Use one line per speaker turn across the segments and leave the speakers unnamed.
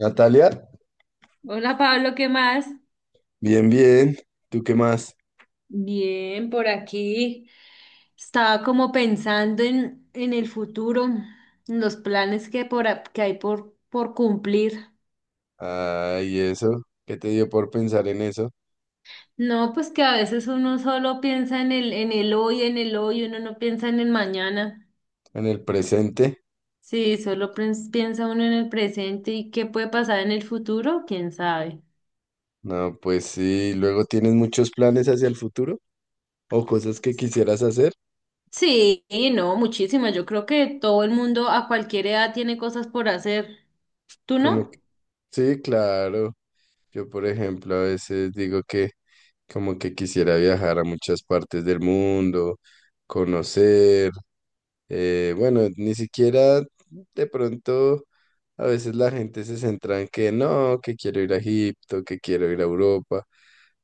Natalia,
Hola Pablo, ¿qué más?
bien, bien. ¿Tú qué más?
Bien, por aquí. Estaba como pensando en el futuro, en los planes que hay por cumplir.
¿Ay, eso? ¿Qué te dio por pensar en eso?
No, pues que a veces uno solo piensa en el hoy, en el hoy, uno no piensa en el mañana.
¿En el presente?
Sí, solo piensa uno en el presente y qué puede pasar en el futuro, quién sabe.
No, pues sí. ¿Luego tienes muchos planes hacia el futuro? ¿O cosas que quisieras hacer?
Sí, no, muchísimas. Yo creo que todo el mundo a cualquier edad tiene cosas por hacer. ¿Tú
Como
no?
que- Sí, claro. Yo, por ejemplo, a veces digo que como que quisiera viajar a muchas partes del mundo, conocer. Bueno, ni siquiera de pronto a veces la gente se centra en que no, que quiero ir a Egipto, que quiero ir a Europa,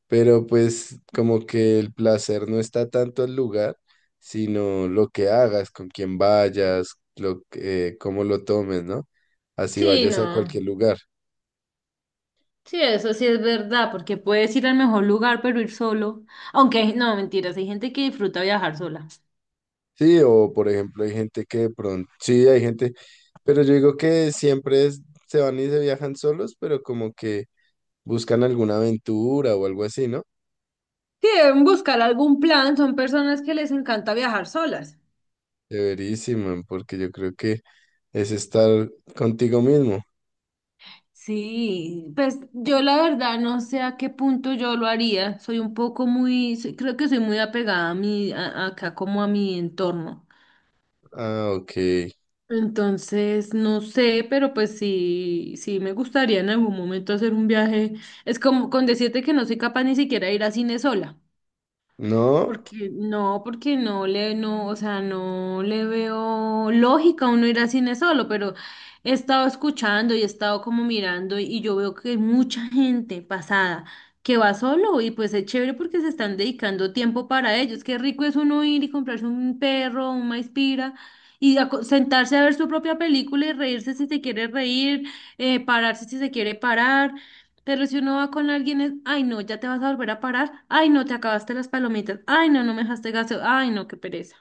pero pues como que el placer no está tanto el lugar, sino lo que hagas, con quién vayas, cómo lo tomes, ¿no? Así
Sí,
vayas a
no.
cualquier lugar.
Sí, eso sí es verdad, porque puedes ir al mejor lugar, pero ir solo. Aunque, no, mentiras, hay gente que disfruta viajar sola.
Sí, o por ejemplo hay gente que de pronto, sí, hay gente, pero yo digo que se van y se viajan solos, pero como que buscan alguna aventura o algo así, ¿no?
Sí, deben buscar algún plan, son personas que les encanta viajar solas.
Chéverísimo, porque yo creo que es estar contigo mismo.
Sí, pues yo la verdad no sé a qué punto yo lo haría. Soy un poco muy, creo que soy muy apegada a acá como a mi entorno.
Ah, ok.
Entonces, no sé, pero pues sí, sí me gustaría en algún momento hacer un viaje. Es como con decirte que no soy capaz ni siquiera de ir a cine sola.
No,
Porque no, no, o sea, no le veo lógica a uno ir al cine solo, pero he estado escuchando y he estado como mirando y yo veo que hay mucha gente pasada que va solo y pues es chévere porque se están dedicando tiempo para ellos. Qué rico es uno ir y comprarse un perro, un maizpira y sentarse a ver su propia película y reírse si se quiere reír, pararse si se quiere parar. Pero si uno va con alguien es, ay no, ya te vas a volver a parar, ay no, te acabaste las palomitas, ay no, no me dejaste gaso, ay no, qué pereza.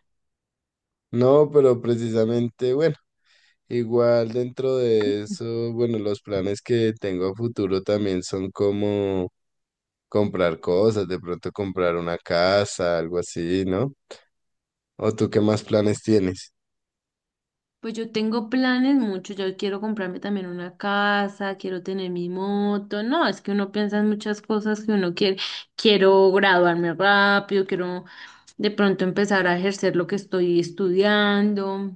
no, pero precisamente, bueno, igual dentro de eso, bueno, los planes que tengo a futuro también son como comprar cosas, de pronto comprar una casa, algo así, ¿no? ¿O tú qué más planes tienes?
Pues yo tengo planes muchos, yo quiero comprarme también una casa, quiero tener mi moto, no, es que uno piensa en muchas cosas que uno quiere, quiero graduarme rápido, quiero de pronto empezar a ejercer lo que estoy estudiando.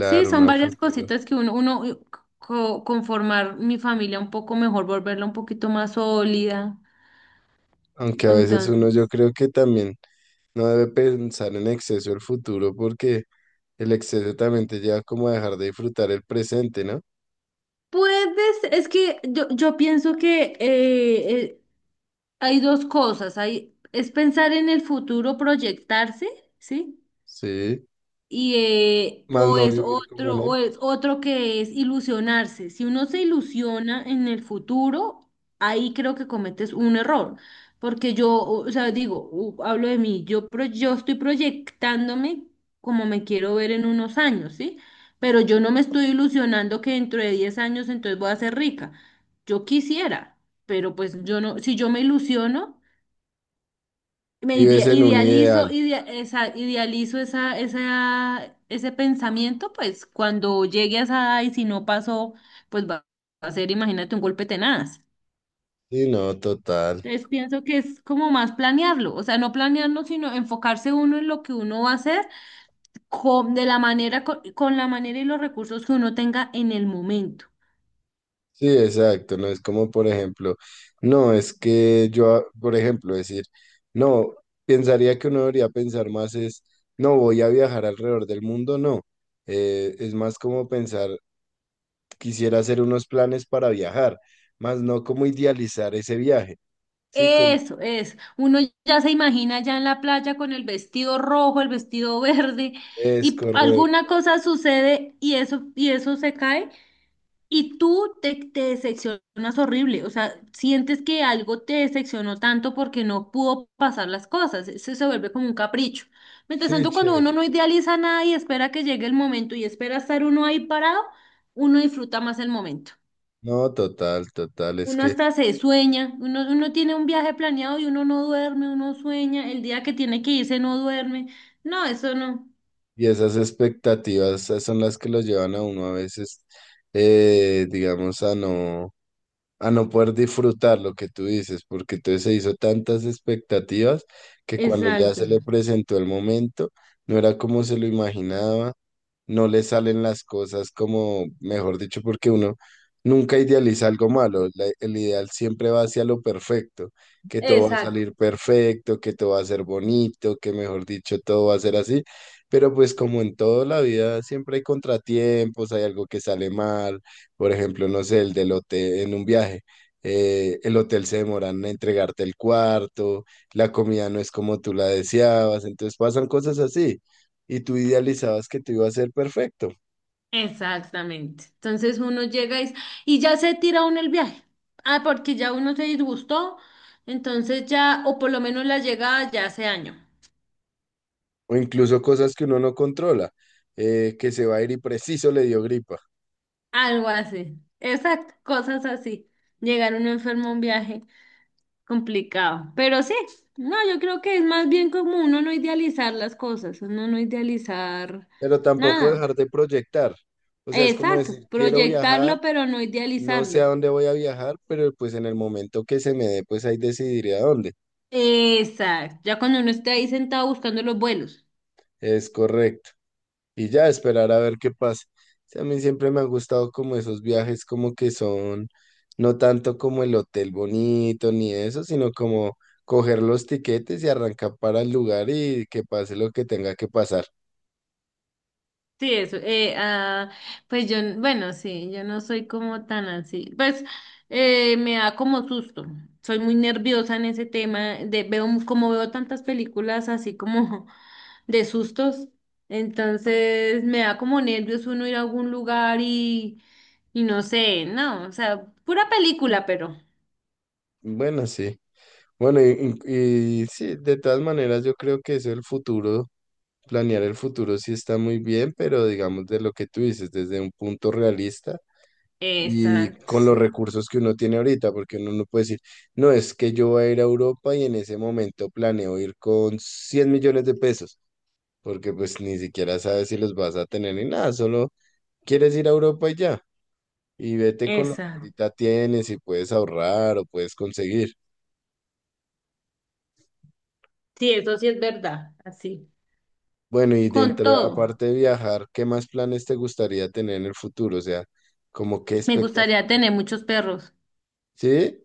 Sí, son
una
varias
futuro.
cositas que uno conformar mi familia un poco mejor, volverla un poquito más sólida.
Aunque a veces uno yo
Entonces...
creo que también no debe pensar en exceso el futuro porque el exceso también te lleva como a dejar de disfrutar el presente, ¿no?
Puedes, es que yo pienso que hay dos cosas, es pensar en el futuro, proyectarse, ¿sí?
Sí,
Y
más
o
no
es
vivir como en
otro, o
él.
es otro que es ilusionarse. Si uno se ilusiona en el futuro, ahí creo que cometes un error. Porque yo, o sea, digo, hablo de mí, yo estoy proyectándome como me quiero ver en unos años, ¿sí? Pero yo no me estoy ilusionando que dentro de 10 años entonces voy a ser rica. Yo quisiera, pero pues yo no, si yo me ilusiono, me
Vives en un
idealizo,
ideal.
idealizo esa, ese pensamiento, pues cuando llegue a esa edad y si no pasó, pues va a ser, imagínate, un golpe tenaz.
Sí, no, total.
Entonces pienso que es como más planearlo, o sea, no planearlo, sino enfocarse uno en lo que uno va a hacer de la manera, con la manera y los recursos que uno tenga en el momento.
Sí, exacto. No es como, por ejemplo, no, es que por ejemplo, decir, no, pensaría que uno debería pensar más es, no, voy a viajar alrededor del mundo, no. Es más como pensar, quisiera hacer unos planes para viajar, más no como idealizar ese viaje. Sí, como
Eso es. Uno ya se imagina ya en la playa con el vestido rojo, el vestido verde,
es
alguna
correcto.
cosa sucede y eso se cae, y tú te decepcionas horrible. O sea, sientes que algo te decepcionó tanto porque no pudo pasar las cosas. Eso se vuelve como un capricho. Mientras
Sí,
tanto, cuando uno
chévere.
no idealiza nada y espera que llegue el momento y espera estar uno ahí parado, uno disfruta más el momento.
No, total, total, es
Uno
que,
hasta se sueña, uno tiene un viaje planeado y uno no duerme, uno sueña, el día que tiene que irse no duerme. No, eso no.
y esas expectativas son las que los llevan a uno a veces, digamos, a no poder disfrutar lo que tú dices, porque entonces se hizo tantas expectativas que cuando ya
Exacto.
se le presentó el momento, no era como se lo imaginaba, no le salen las cosas como, mejor dicho, porque uno nunca idealiza algo malo, el ideal siempre va hacia lo perfecto, que todo va a
Exacto.
salir perfecto, que todo va a ser bonito, que mejor dicho, todo va a ser así, pero pues como en toda la vida siempre hay contratiempos, hay algo que sale mal por ejemplo, no sé, el del hotel en un viaje. El hotel se demoran en entregarte el cuarto, la comida no es como tú la deseabas, entonces pasan cosas así y tú idealizabas que te iba a ser perfecto,
Exactamente. Entonces uno llega y ya se tira uno el viaje. Ah, porque ya uno se disgustó, entonces ya, o por lo menos la llegada ya hace año.
o incluso cosas que uno no controla, que se va a ir y preciso le dio gripa,
Algo así. Exacto, cosas así. Llegar uno enfermo a un viaje. Complicado, pero sí, no, yo creo que es más bien como uno no idealizar las cosas, uno no idealizar
pero tampoco
nada.
dejar de proyectar, o sea, es como
Exacto,
decir, quiero viajar,
proyectarlo, pero no
no sé a
idealizarlo.
dónde voy a viajar, pero pues en el momento que se me dé, pues ahí decidiré a dónde,
Exacto, ya cuando uno esté ahí sentado buscando los vuelos.
es correcto. Y ya esperar a ver qué pasa. Sí, a mí siempre me han gustado como esos viajes como que son no tanto como el hotel bonito ni eso, sino como coger los tiquetes y arrancar para el lugar y que pase lo que tenga que pasar.
Sí, eso. Pues yo, bueno, sí, yo no soy como tan así. Pues me da como susto. Soy muy nerviosa en ese tema. De, veo, como veo tantas películas así como de sustos, entonces me da como nervios uno ir a algún lugar y no sé, no, o sea, pura película, pero.
Bueno, sí. Bueno, y sí, de todas maneras yo creo que eso el futuro, planear el futuro sí está muy bien, pero digamos de lo que tú dices, desde un punto realista. Y
Exacto,
con los
sí.
recursos que uno tiene ahorita, porque uno no puede decir, no, es que yo voy a ir a Europa y en ese momento planeo ir con 100 millones de pesos, porque pues ni siquiera sabes si los vas a tener ni nada, solo quieres ir a Europa y ya, y vete con lo que
Exacto.
ahorita tienes y puedes ahorrar o puedes conseguir.
Sí, eso sí es verdad, así.
Bueno, y
Con
dentro,
todo,
aparte de viajar, ¿qué más planes te gustaría tener en el futuro? O sea, como qué
me
expectativa,
gustaría tener muchos perros.
¿sí?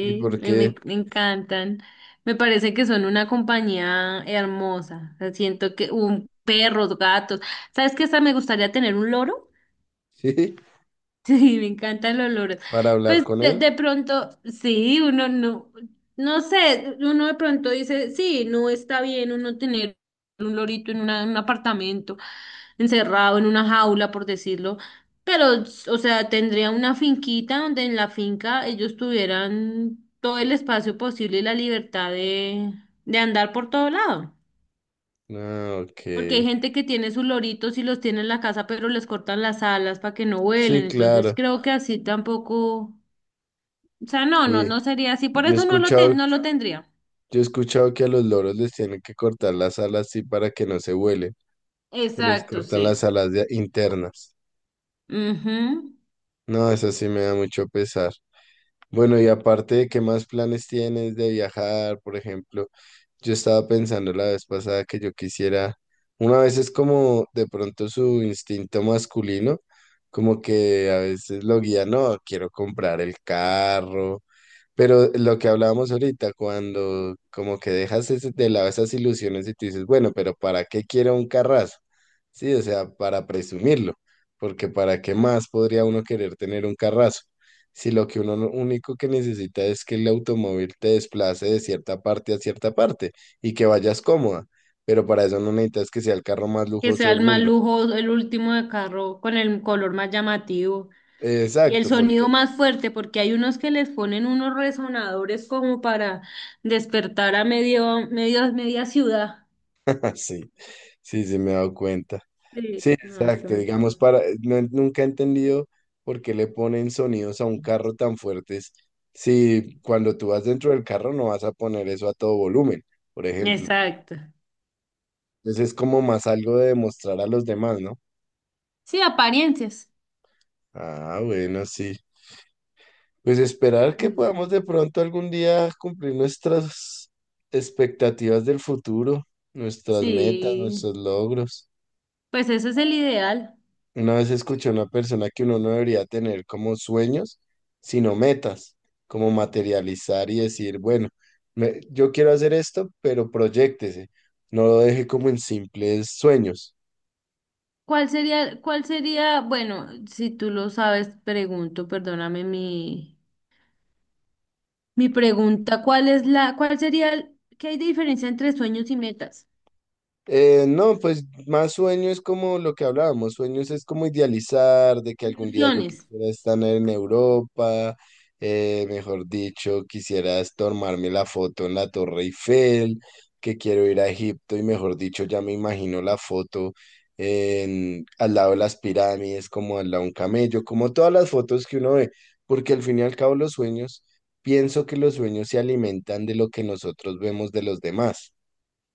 ¿Y por qué?
me encantan. Me parece que son una compañía hermosa. O sea, siento que un perros, gatos. ¿Sabes qué? Hasta me gustaría tener un loro.
¿Sí?
Sí, me encantan los loros.
¿Para hablar
Pues
con
de,
él?
de pronto, sí, uno no, no sé, uno de pronto dice, sí, no está bien uno tener un lorito en en un apartamento, encerrado en una jaula, por decirlo, pero, o sea, tendría una finquita donde en la finca ellos tuvieran todo el espacio posible y la libertad de andar por todo lado.
Ah, ok.
Porque hay gente que tiene sus loritos y los tiene en la casa, pero les cortan las alas para que no vuelen.
Sí,
Entonces
claro.
creo que así tampoco, o sea, no, no,
Y
no sería así. Por
yo he
eso
escuchado,
no lo tendría.
yo he escuchado que a los loros les tienen que cortar las alas así para que no se vuelen, que les
Exacto,
cortan las
sí.
alas internas.
Ujú.
No, eso sí me da mucho pesar. Bueno, y aparte de qué más planes tienes de viajar, por ejemplo, yo estaba pensando la vez pasada que yo quisiera, una vez es como de pronto su instinto masculino, como que a veces lo guía, no, quiero comprar el carro. Pero lo que hablábamos ahorita, cuando como que dejas de lado esas ilusiones y tú dices, bueno, pero ¿para qué quiero un carrazo? Sí, o sea, para presumirlo, porque ¿para qué más podría uno querer tener un carrazo? Si lo que uno no- único que necesita es que el automóvil te desplace de cierta parte a cierta parte y que vayas cómoda, pero para eso no necesitas que sea el carro más
Que
lujoso
sea
del
el más
mundo.
lujo, el último de carro con el color más llamativo. Y el
Exacto,
sonido
porque
más fuerte, porque hay unos que les ponen unos resonadores como para despertar a media ciudad.
así. Sí, sí, me he dado cuenta.
Sí,
Sí,
no, eso
exacto.
no.
Digamos, para, no- nunca he entendido por qué le ponen sonidos a un carro tan fuertes si cuando tú vas dentro del carro no vas a poner eso a todo volumen, por ejemplo.
Exacto.
Entonces es como más algo de demostrar a los demás, ¿no?
Sí, apariencias.
Ah, bueno, sí. Pues esperar que podamos
Sí.
de pronto algún día cumplir nuestras expectativas del futuro, nuestras metas,
Sí,
nuestros logros.
pues ese es el ideal.
Una vez escuché a una persona que uno no debería tener como sueños, sino metas, como materializar y decir, bueno, yo quiero hacer esto, pero proyéctese, no lo deje como en simples sueños.
¿Cuál sería, bueno, si tú lo sabes, pregunto, perdóname mi pregunta, ¿cuál es la, cuál sería, el- qué hay de diferencia entre sueños y metas?
No, pues más sueño es como lo que hablábamos, sueños es como idealizar de que algún día yo
Ilusiones.
quisiera estar en Europa, mejor dicho, quisiera es tomarme la foto en la Torre Eiffel, que quiero ir a Egipto y mejor dicho, ya me imagino la foto en, al lado de las pirámides, como al lado de un camello, como todas las fotos que uno ve, porque al fin y al cabo los sueños, pienso que los sueños se alimentan de lo que nosotros vemos de los demás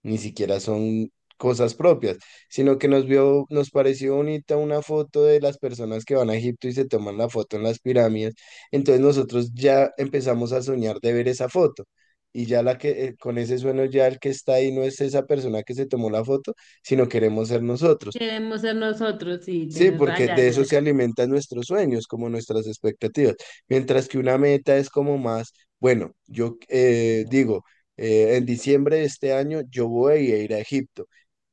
ni siquiera son cosas propias, sino que nos pareció bonita una foto de las personas que van a Egipto y se toman la foto en las pirámides. Entonces nosotros ya empezamos a soñar de ver esa foto. Y ya la que con ese sueño ya el que está ahí no es esa persona que se tomó la foto, sino queremos ser nosotros.
Queremos ser nosotros, sí,
Sí,
tienes
porque
raya.
de eso se alimentan nuestros sueños, como nuestras expectativas. Mientras que una meta es como más, bueno, yo digo, en diciembre de este año yo voy a ir a Egipto.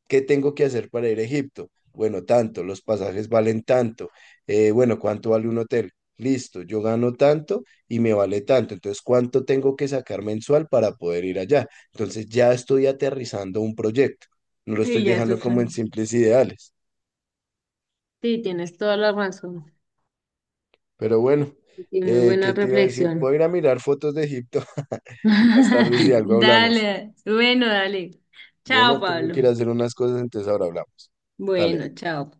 ¿Qué tengo que hacer para ir a Egipto? Bueno, tanto, los pasajes valen tanto. Bueno, ¿cuánto vale un hotel? Listo, yo gano tanto y me vale tanto. Entonces, ¿cuánto tengo que sacar mensual para poder ir allá? Entonces, ya estoy aterrizando un proyecto. No lo estoy
Sí, ya eso
dejando
es.
como en simples ideales.
Sí, tienes toda la razón.
Pero bueno,
Y muy buena
¿qué te iba a decir?
reflexión.
Voy a ir a mirar fotos de Egipto y más tarde si algo hablamos.
Dale, bueno, dale. Chao,
Bueno, tengo que
Pablo.
ir a hacer unas cosas, entonces ahora hablamos.
Bueno,
Dale.
chao.